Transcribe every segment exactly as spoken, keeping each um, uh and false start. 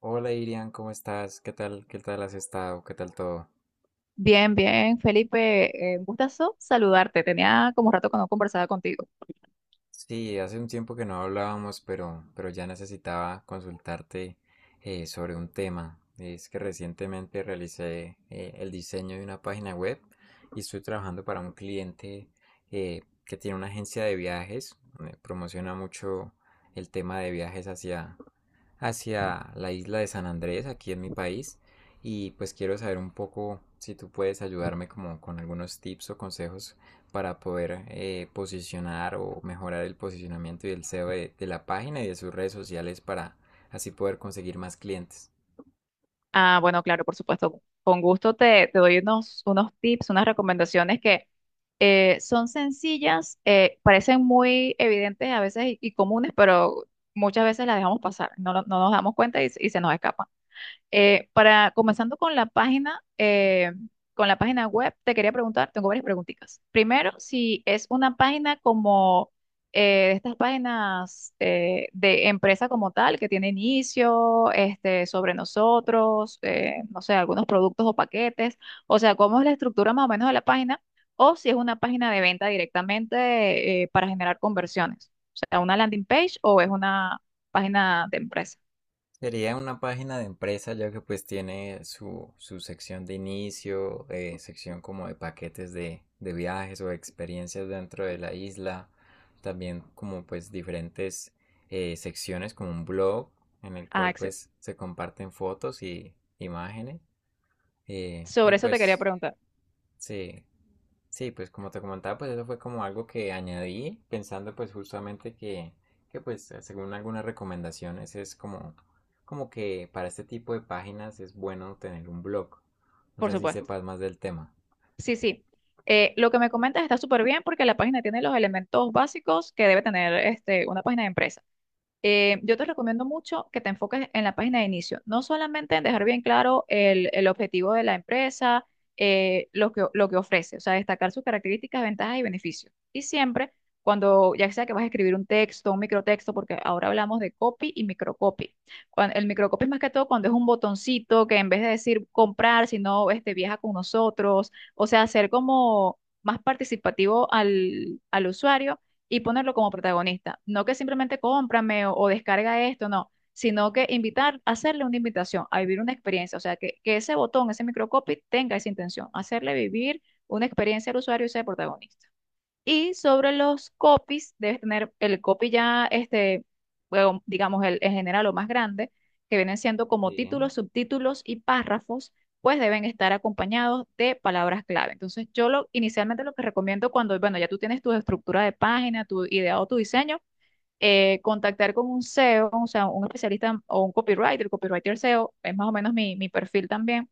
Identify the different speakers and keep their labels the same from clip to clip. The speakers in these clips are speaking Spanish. Speaker 1: Hola Irian, ¿cómo estás? ¿Qué tal? ¿Qué tal has estado? ¿Qué tal todo?
Speaker 2: Bien, bien, Felipe, eh, un gustazo saludarte. Tenía como rato que no conversaba contigo.
Speaker 1: Sí, hace un tiempo que no hablábamos, pero, pero ya necesitaba consultarte eh, sobre un tema. Es que recientemente realicé eh, el diseño de una página web y estoy trabajando para un cliente eh, que tiene una agencia de viajes. Eh, promociona mucho el tema de viajes hacia, hacia la isla de San Andrés, aquí en mi país. Y pues quiero saber un poco si tú puedes ayudarme como con algunos tips o consejos para poder eh, posicionar o mejorar el posicionamiento y el S E O de, de la página y de sus redes sociales para así poder conseguir más clientes.
Speaker 2: Ah, bueno, claro, por supuesto. Con gusto te, te doy unos, unos tips, unas recomendaciones que eh, son sencillas, eh, parecen muy evidentes a veces y, y comunes, pero muchas veces las dejamos pasar. No, lo- no nos damos cuenta y, y se nos escapan. Eh, para, comenzando con la página, eh, con la página web, te quería preguntar, tengo varias preguntitas. Primero, si es una página como eh, estas páginas eh, de empresa como tal, que tiene inicio, este, sobre nosotros, eh, no sé, algunos productos o paquetes, o sea, cómo es la estructura más o menos de la página, o si es una página de venta directamente eh, para generar conversiones, o sea, una landing page o es una página de empresa.
Speaker 1: Sería una página de empresa ya que pues tiene su, su sección de inicio, eh, sección como de paquetes de, de viajes o experiencias dentro de la isla, también como pues diferentes eh, secciones como un blog en el
Speaker 2: Ah,
Speaker 1: cual
Speaker 2: excelente.
Speaker 1: pues se comparten fotos y imágenes eh, y
Speaker 2: Sobre eso te quería
Speaker 1: pues
Speaker 2: preguntar.
Speaker 1: Sí. Sí, pues como te comentaba, pues eso fue como algo que añadí pensando pues justamente que, que pues eh, según algunas recomendaciones es como, como que para este tipo de páginas es bueno tener un blog. No
Speaker 2: Por
Speaker 1: sé si
Speaker 2: supuesto.
Speaker 1: sepas más del tema.
Speaker 2: Sí, sí. Eh, lo que me comentas está súper bien porque la página tiene los elementos básicos que debe tener este, una página de empresa. Eh, yo te recomiendo mucho que te enfoques en la página de inicio, no solamente en dejar bien claro el, el objetivo de la empresa, eh, lo que, lo que ofrece, o sea, destacar sus características, ventajas y beneficios. Y siempre, cuando ya sea que vas a escribir un texto, un microtexto, porque ahora hablamos de copy y microcopy. Cuan- el microcopy es más que todo cuando es un botoncito que en vez de decir comprar, sino este, viaja con nosotros, o sea, hacer como más participativo al, al usuario y ponerlo como protagonista. No que simplemente cómprame o, o descarga esto, no, sino que invitar, hacerle una invitación a vivir una experiencia, o sea, que, que ese botón, ese microcopy tenga esa intención, hacerle vivir una experiencia al usuario y ser protagonista. Y sobre los copies, debes tener el copy ya, este, bueno, digamos, el, en general o más grande, que vienen siendo como
Speaker 1: Sí.
Speaker 2: títulos, subtítulos y párrafos, pues deben estar acompañados de palabras clave. Entonces, yo lo, inicialmente lo que recomiendo cuando, bueno, ya tú tienes tu estructura de página, tu ideado, tu diseño, eh, contactar con un S E O, o o sea, un especialista o un copywriter, copywriter S E O, es más o menos mi, mi perfil también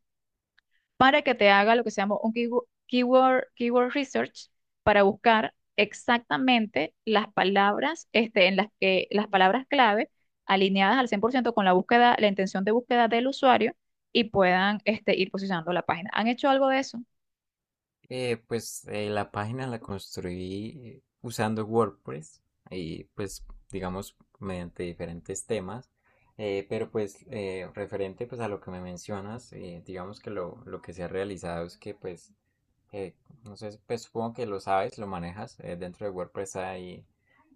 Speaker 2: para que te haga lo que se llama un keywo- keyword, keyword research para buscar exactamente las palabras, este, en las que las palabras clave alineadas al cien por ciento con la búsqueda, la intención de búsqueda del usuario y puedan, este, ir posicionando la página. ¿Han hecho algo de eso?
Speaker 1: Eh, pues eh, la página la construí usando WordPress y pues digamos mediante diferentes temas, eh, pero pues eh, referente pues a lo que me mencionas, eh, digamos que lo, lo que se ha realizado es que pues eh, no sé, pues supongo que lo sabes, lo manejas. Eh, dentro de WordPress hay,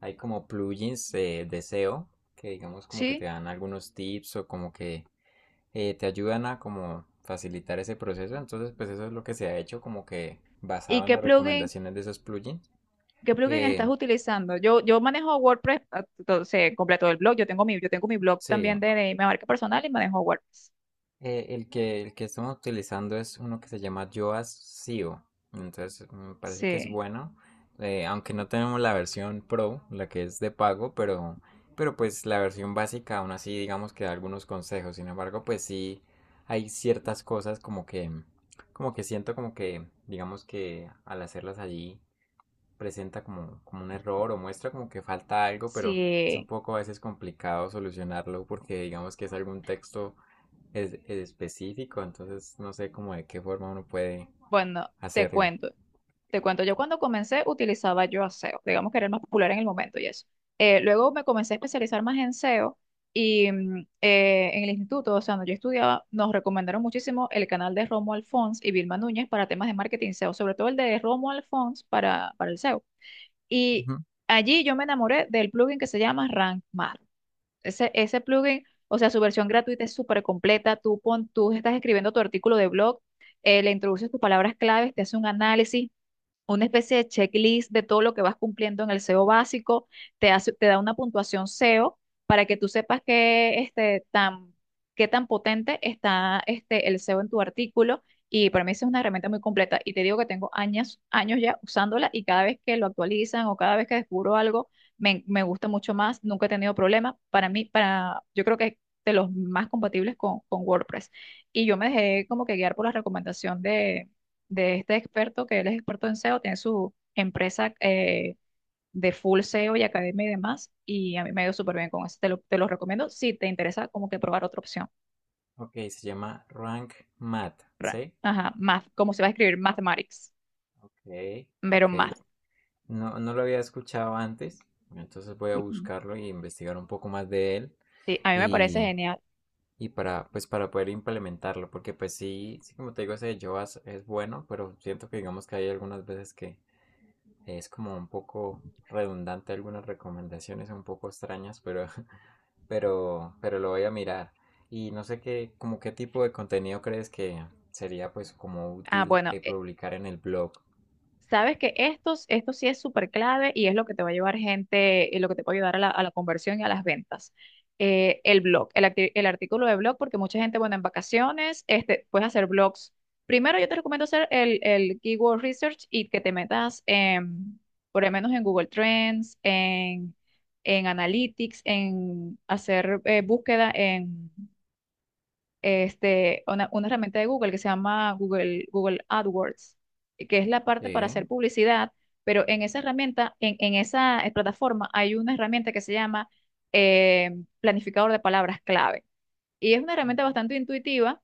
Speaker 1: hay como plugins eh, de S E O que digamos como que te
Speaker 2: ¿Sí?
Speaker 1: dan algunos tips o como que eh, te ayudan a como facilitar ese proceso. Entonces, pues eso es lo que se ha hecho, como que
Speaker 2: ¿Y
Speaker 1: basado en
Speaker 2: qué
Speaker 1: las
Speaker 2: plugin,
Speaker 1: recomendaciones de esos plugins.
Speaker 2: qué plugin
Speaker 1: Eh,
Speaker 2: estás utilizando? Yo, yo manejo WordPress, ah, entonces completo el blog, yo tengo mi, yo tengo mi blog
Speaker 1: sí,
Speaker 2: también de, de mi marca personal y manejo WordPress.
Speaker 1: eh, el que, el que estamos utilizando es uno que se llama Yoast S E O. Entonces, me parece que es
Speaker 2: Sí,
Speaker 1: bueno. Eh, aunque no tenemos la versión Pro, la que es de pago, pero, pero pues la versión básica aún así digamos que da algunos consejos. Sin embargo, pues sí hay ciertas cosas como que, como que siento como que digamos que al hacerlas allí presenta como, como un error o muestra como que falta algo, pero es un
Speaker 2: sí.
Speaker 1: poco a veces complicado solucionarlo porque digamos que es algún texto es, es específico, entonces no sé cómo de qué forma uno puede
Speaker 2: Bueno, te
Speaker 1: hacerlo.
Speaker 2: cuento. Te cuento, yo cuando comencé utilizaba yo a S E O, digamos que era el más popular en el momento y eso. Eh, luego me comencé a especializar más en S E O y mm, eh, en el instituto, o sea, donde yo estudiaba, nos recomendaron muchísimo el canal de Romuald Fons y Vilma Núñez para temas de marketing S E O, sobre todo el de Romuald Fons para, para el S E O. Y
Speaker 1: Ujú.
Speaker 2: allí yo me enamoré del plugin que se llama Rank Math. Ese, ese plugin, o sea, su versión gratuita es súper completa. Tú, pon, tú estás escribiendo tu artículo de blog eh, le introduces tus palabras claves, te hace un análisis, una especie de checklist de todo lo que vas cumpliendo en el S E O básico, te hace- te da una puntuación S E O para que tú sepas qué, este, tan, qué tan potente está este, el S E O en tu artículo. Y para mí esa es una herramienta muy completa. Y te digo que tengo años, años ya usándola y cada vez que lo actualizan o cada vez que descubro algo, me, me gusta mucho más. Nunca he tenido problema. Para mí, para, yo creo que es de los más compatibles con, con WordPress. Y yo me dejé como que guiar por la recomendación de este experto, que él es experto en S E O, tiene su empresa eh, de full S E O y academia y demás, y a mí me ha ido súper bien con eso, te lo, te lo recomiendo si te interesa como que probar otra opción.
Speaker 1: Ok, se llama Rank Math,
Speaker 2: Ra-
Speaker 1: ¿sí?
Speaker 2: Ajá, math, como se va a escribir mathematics,
Speaker 1: Ok,
Speaker 2: pero
Speaker 1: ok.
Speaker 2: math.
Speaker 1: No, no lo había escuchado antes, entonces voy a
Speaker 2: Ujú.
Speaker 1: buscarlo y investigar un poco más de él.
Speaker 2: Sí, a mí me parece
Speaker 1: Y
Speaker 2: genial.
Speaker 1: y para pues para poder implementarlo, porque pues sí, sí como te digo, ese de Joas es bueno, pero siento que digamos que hay algunas veces que es como un poco redundante algunas recomendaciones un poco extrañas, pero pero pero lo voy a mirar. Y no sé qué como qué tipo de contenido crees que sería pues como
Speaker 2: Ah,
Speaker 1: útil
Speaker 2: bueno,
Speaker 1: eh, publicar en el blog.
Speaker 2: sabes que estos, esto sí es súper clave y es lo que te va a llevar gente, y lo que te va a ayudar a la, a la conversión y a las ventas. Eh, el blog, el, acti- el artículo de blog, porque mucha gente, bueno, en vacaciones, este, puedes hacer blogs. Primero yo te recomiendo hacer el, el keyword research y que te metas en, por lo menos en Google Trends, en, en Analytics, en hacer eh, búsqueda este, una, una herramienta de Google que se llama Google, Google AdWords, que es la parte para
Speaker 1: Sí,
Speaker 2: hacer publicidad, pero en esa herramienta, en, en esa eh, plataforma, hay una herramienta que se llama eh, planificador de palabras clave. Y es una herramienta bastante intuitiva,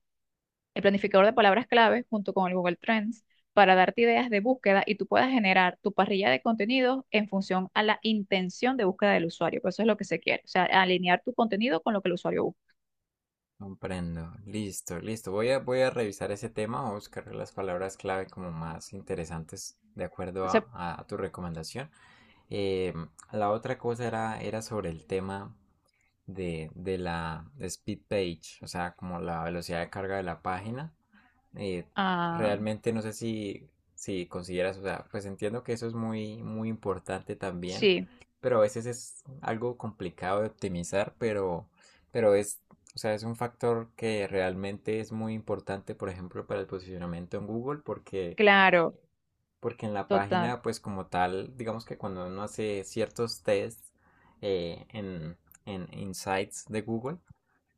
Speaker 2: el planificador de palabras clave, junto con el Google Trends, para darte ideas de búsqueda y tú puedas generar tu parrilla de contenidos en función a la intención de búsqueda del usuario. Pues eso es lo que se quiere, o sea, alinear tu contenido con lo que el usuario busca.
Speaker 1: comprendo. Listo, listo. Voy a voy a revisar ese tema, voy a buscar las palabras clave como más interesantes de acuerdo a,
Speaker 2: Entonces,
Speaker 1: a tu recomendación. Eh, la otra cosa era, era sobre el tema de, de la speed page, o sea, como la velocidad de carga de la página. Eh,
Speaker 2: ah,
Speaker 1: Realmente no sé si, si consideras, o sea, pues entiendo que eso es muy, muy importante también,
Speaker 2: sí.
Speaker 1: pero a veces es algo complicado de optimizar, pero, pero es, o sea, es un factor que realmente es muy importante, por ejemplo, para el posicionamiento en Google, porque
Speaker 2: Claro,
Speaker 1: porque en la
Speaker 2: total.
Speaker 1: página, pues como tal, digamos que cuando uno hace ciertos tests eh, en, en Insights de Google,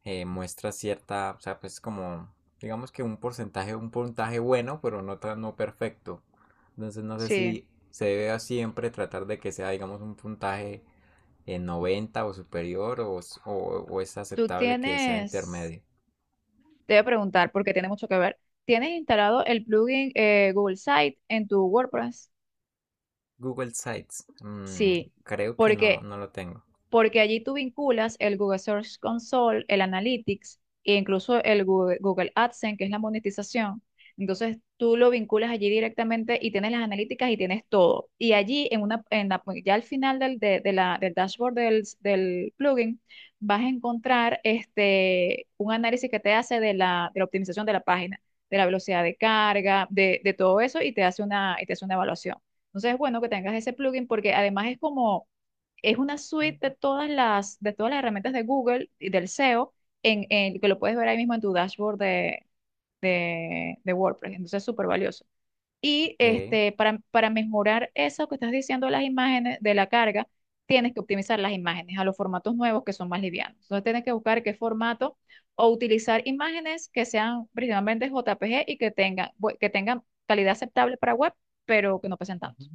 Speaker 1: eh, muestra cierta, o sea, pues como, digamos que un porcentaje, un puntaje bueno, pero no tan no perfecto. Entonces no sé
Speaker 2: Sí.
Speaker 1: si se debe siempre tratar de que sea, digamos, un puntaje en noventa o superior o, o, o es
Speaker 2: Tú
Speaker 1: aceptable que sea
Speaker 2: tienes,
Speaker 1: intermedio.
Speaker 2: Te voy a preguntar porque tiene mucho que ver. ¿Tienes instalado el plugin eh, Google Site en tu WordPress?
Speaker 1: Google Sites, mm,
Speaker 2: Sí,
Speaker 1: creo que no,
Speaker 2: porque
Speaker 1: no lo tengo.
Speaker 2: porque allí tú vinculas el Google Search Console, el Analytics e incluso el Google, Google AdSense, que es la monetización. Entonces tú lo vinculas allí directamente y tienes las analíticas y tienes todo. Y allí, en una, en la- pues, ya al final del, de, de la, del dashboard del, del plugin, vas a encontrar este, un análisis que te hace de la, de la optimización de la página, de la velocidad de carga, de, de todo eso y te hace una, y te hace una evaluación. Entonces es bueno que tengas ese plugin porque además es como es una suite de todas las, de todas las herramientas de Google y del S E O, en, en- que lo puedes ver ahí mismo en tu dashboard de, de, de WordPress. Entonces es súper valioso. Y
Speaker 1: Ok.
Speaker 2: este, para, para mejorar eso que estás diciendo de las imágenes, de la carga, tienes que optimizar las imágenes a los formatos nuevos que son más livianos. Entonces tienes que buscar qué formato o utilizar imágenes que sean principalmente J P G y que tengan, bu- que tengan calidad aceptable para web, pero que no pesen
Speaker 1: Ujú.
Speaker 2: tanto.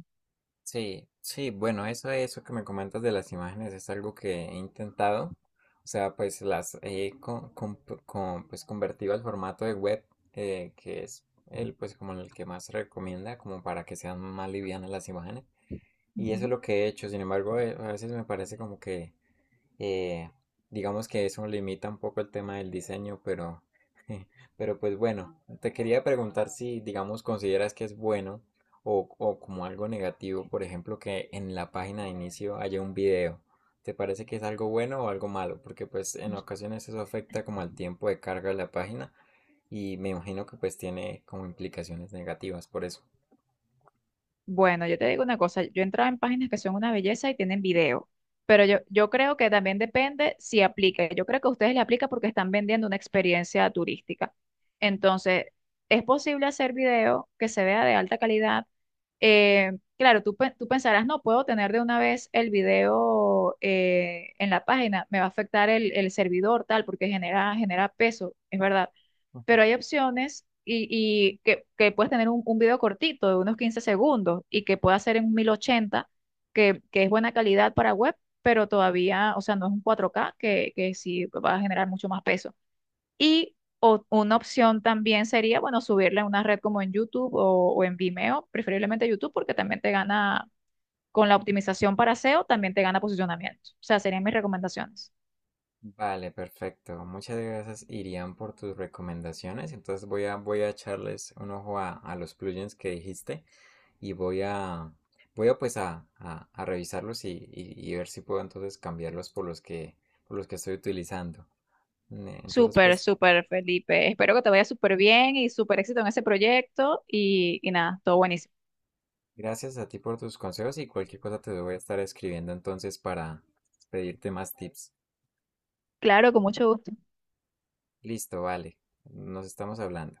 Speaker 1: Sí, sí, bueno, eso, eso que me comentas de las imágenes es algo que he intentado. O sea, pues las he con, con- con- pues, convertido al formato de web, eh, que es el, pues, como el que más se recomienda, como para que sean más livianas las imágenes. Y eso
Speaker 2: Ujú.
Speaker 1: es lo que he hecho. Sin embargo, eh, a veces me parece como que eh, digamos que eso limita un poco el tema del diseño, pero, pero pues bueno, te quería preguntar si, digamos, consideras que es bueno o, o como algo negativo, por ejemplo, que en la página de inicio haya un video. ¿Te parece que es algo bueno o algo malo? Porque pues en ocasiones eso afecta como al tiempo de carga de la página y me imagino que pues tiene como implicaciones negativas por eso.
Speaker 2: Bueno, yo te digo una cosa, yo he entrado en páginas que son una belleza y tienen video, pero yo, yo creo que también depende si aplica. Yo creo que a ustedes le aplica porque están vendiendo una experiencia turística. Entonces, es posible hacer video que se vea de alta calidad. Eh, claro, tú, pe- tú pensarás, no puedo tener de una vez el video eh, en la página, me va a afectar el, el servidor, tal, porque genera, genera peso, es verdad pero hay opciones y, y que, que puedes tener un, un video cortito de unos quince segundos y que pueda ser en mil ochenta que, que es buena calidad para web, pero todavía, o sea, no es un cuatro k que, que sí va a generar mucho más peso. Y o- una opción también sería, bueno, subirle a una red como en YouTube o, o en Vimeo, preferiblemente YouTube, porque también te gana, con la optimización para S E O, también te gana posicionamiento. O sea, serían mis recomendaciones.
Speaker 1: Vale, perfecto. Muchas gracias, Irían, por tus recomendaciones. Entonces voy a, voy a echarles un ojo a, a los plugins que dijiste y voy a, voy a pues a, a- a revisarlos y, y- y ver si puedo entonces cambiarlos por los que, por los que estoy utilizando. Ne- Entonces,
Speaker 2: Súper,
Speaker 1: pues,
Speaker 2: súper, Felipe. Espero que te vaya súper bien y súper éxito en ese proyecto y, y nada, todo buenísimo.
Speaker 1: gracias a ti por tus consejos y cualquier cosa te voy a estar escribiendo entonces para pedirte más tips.
Speaker 2: Claro, con mucho gusto.
Speaker 1: Listo, vale. Nos estamos hablando.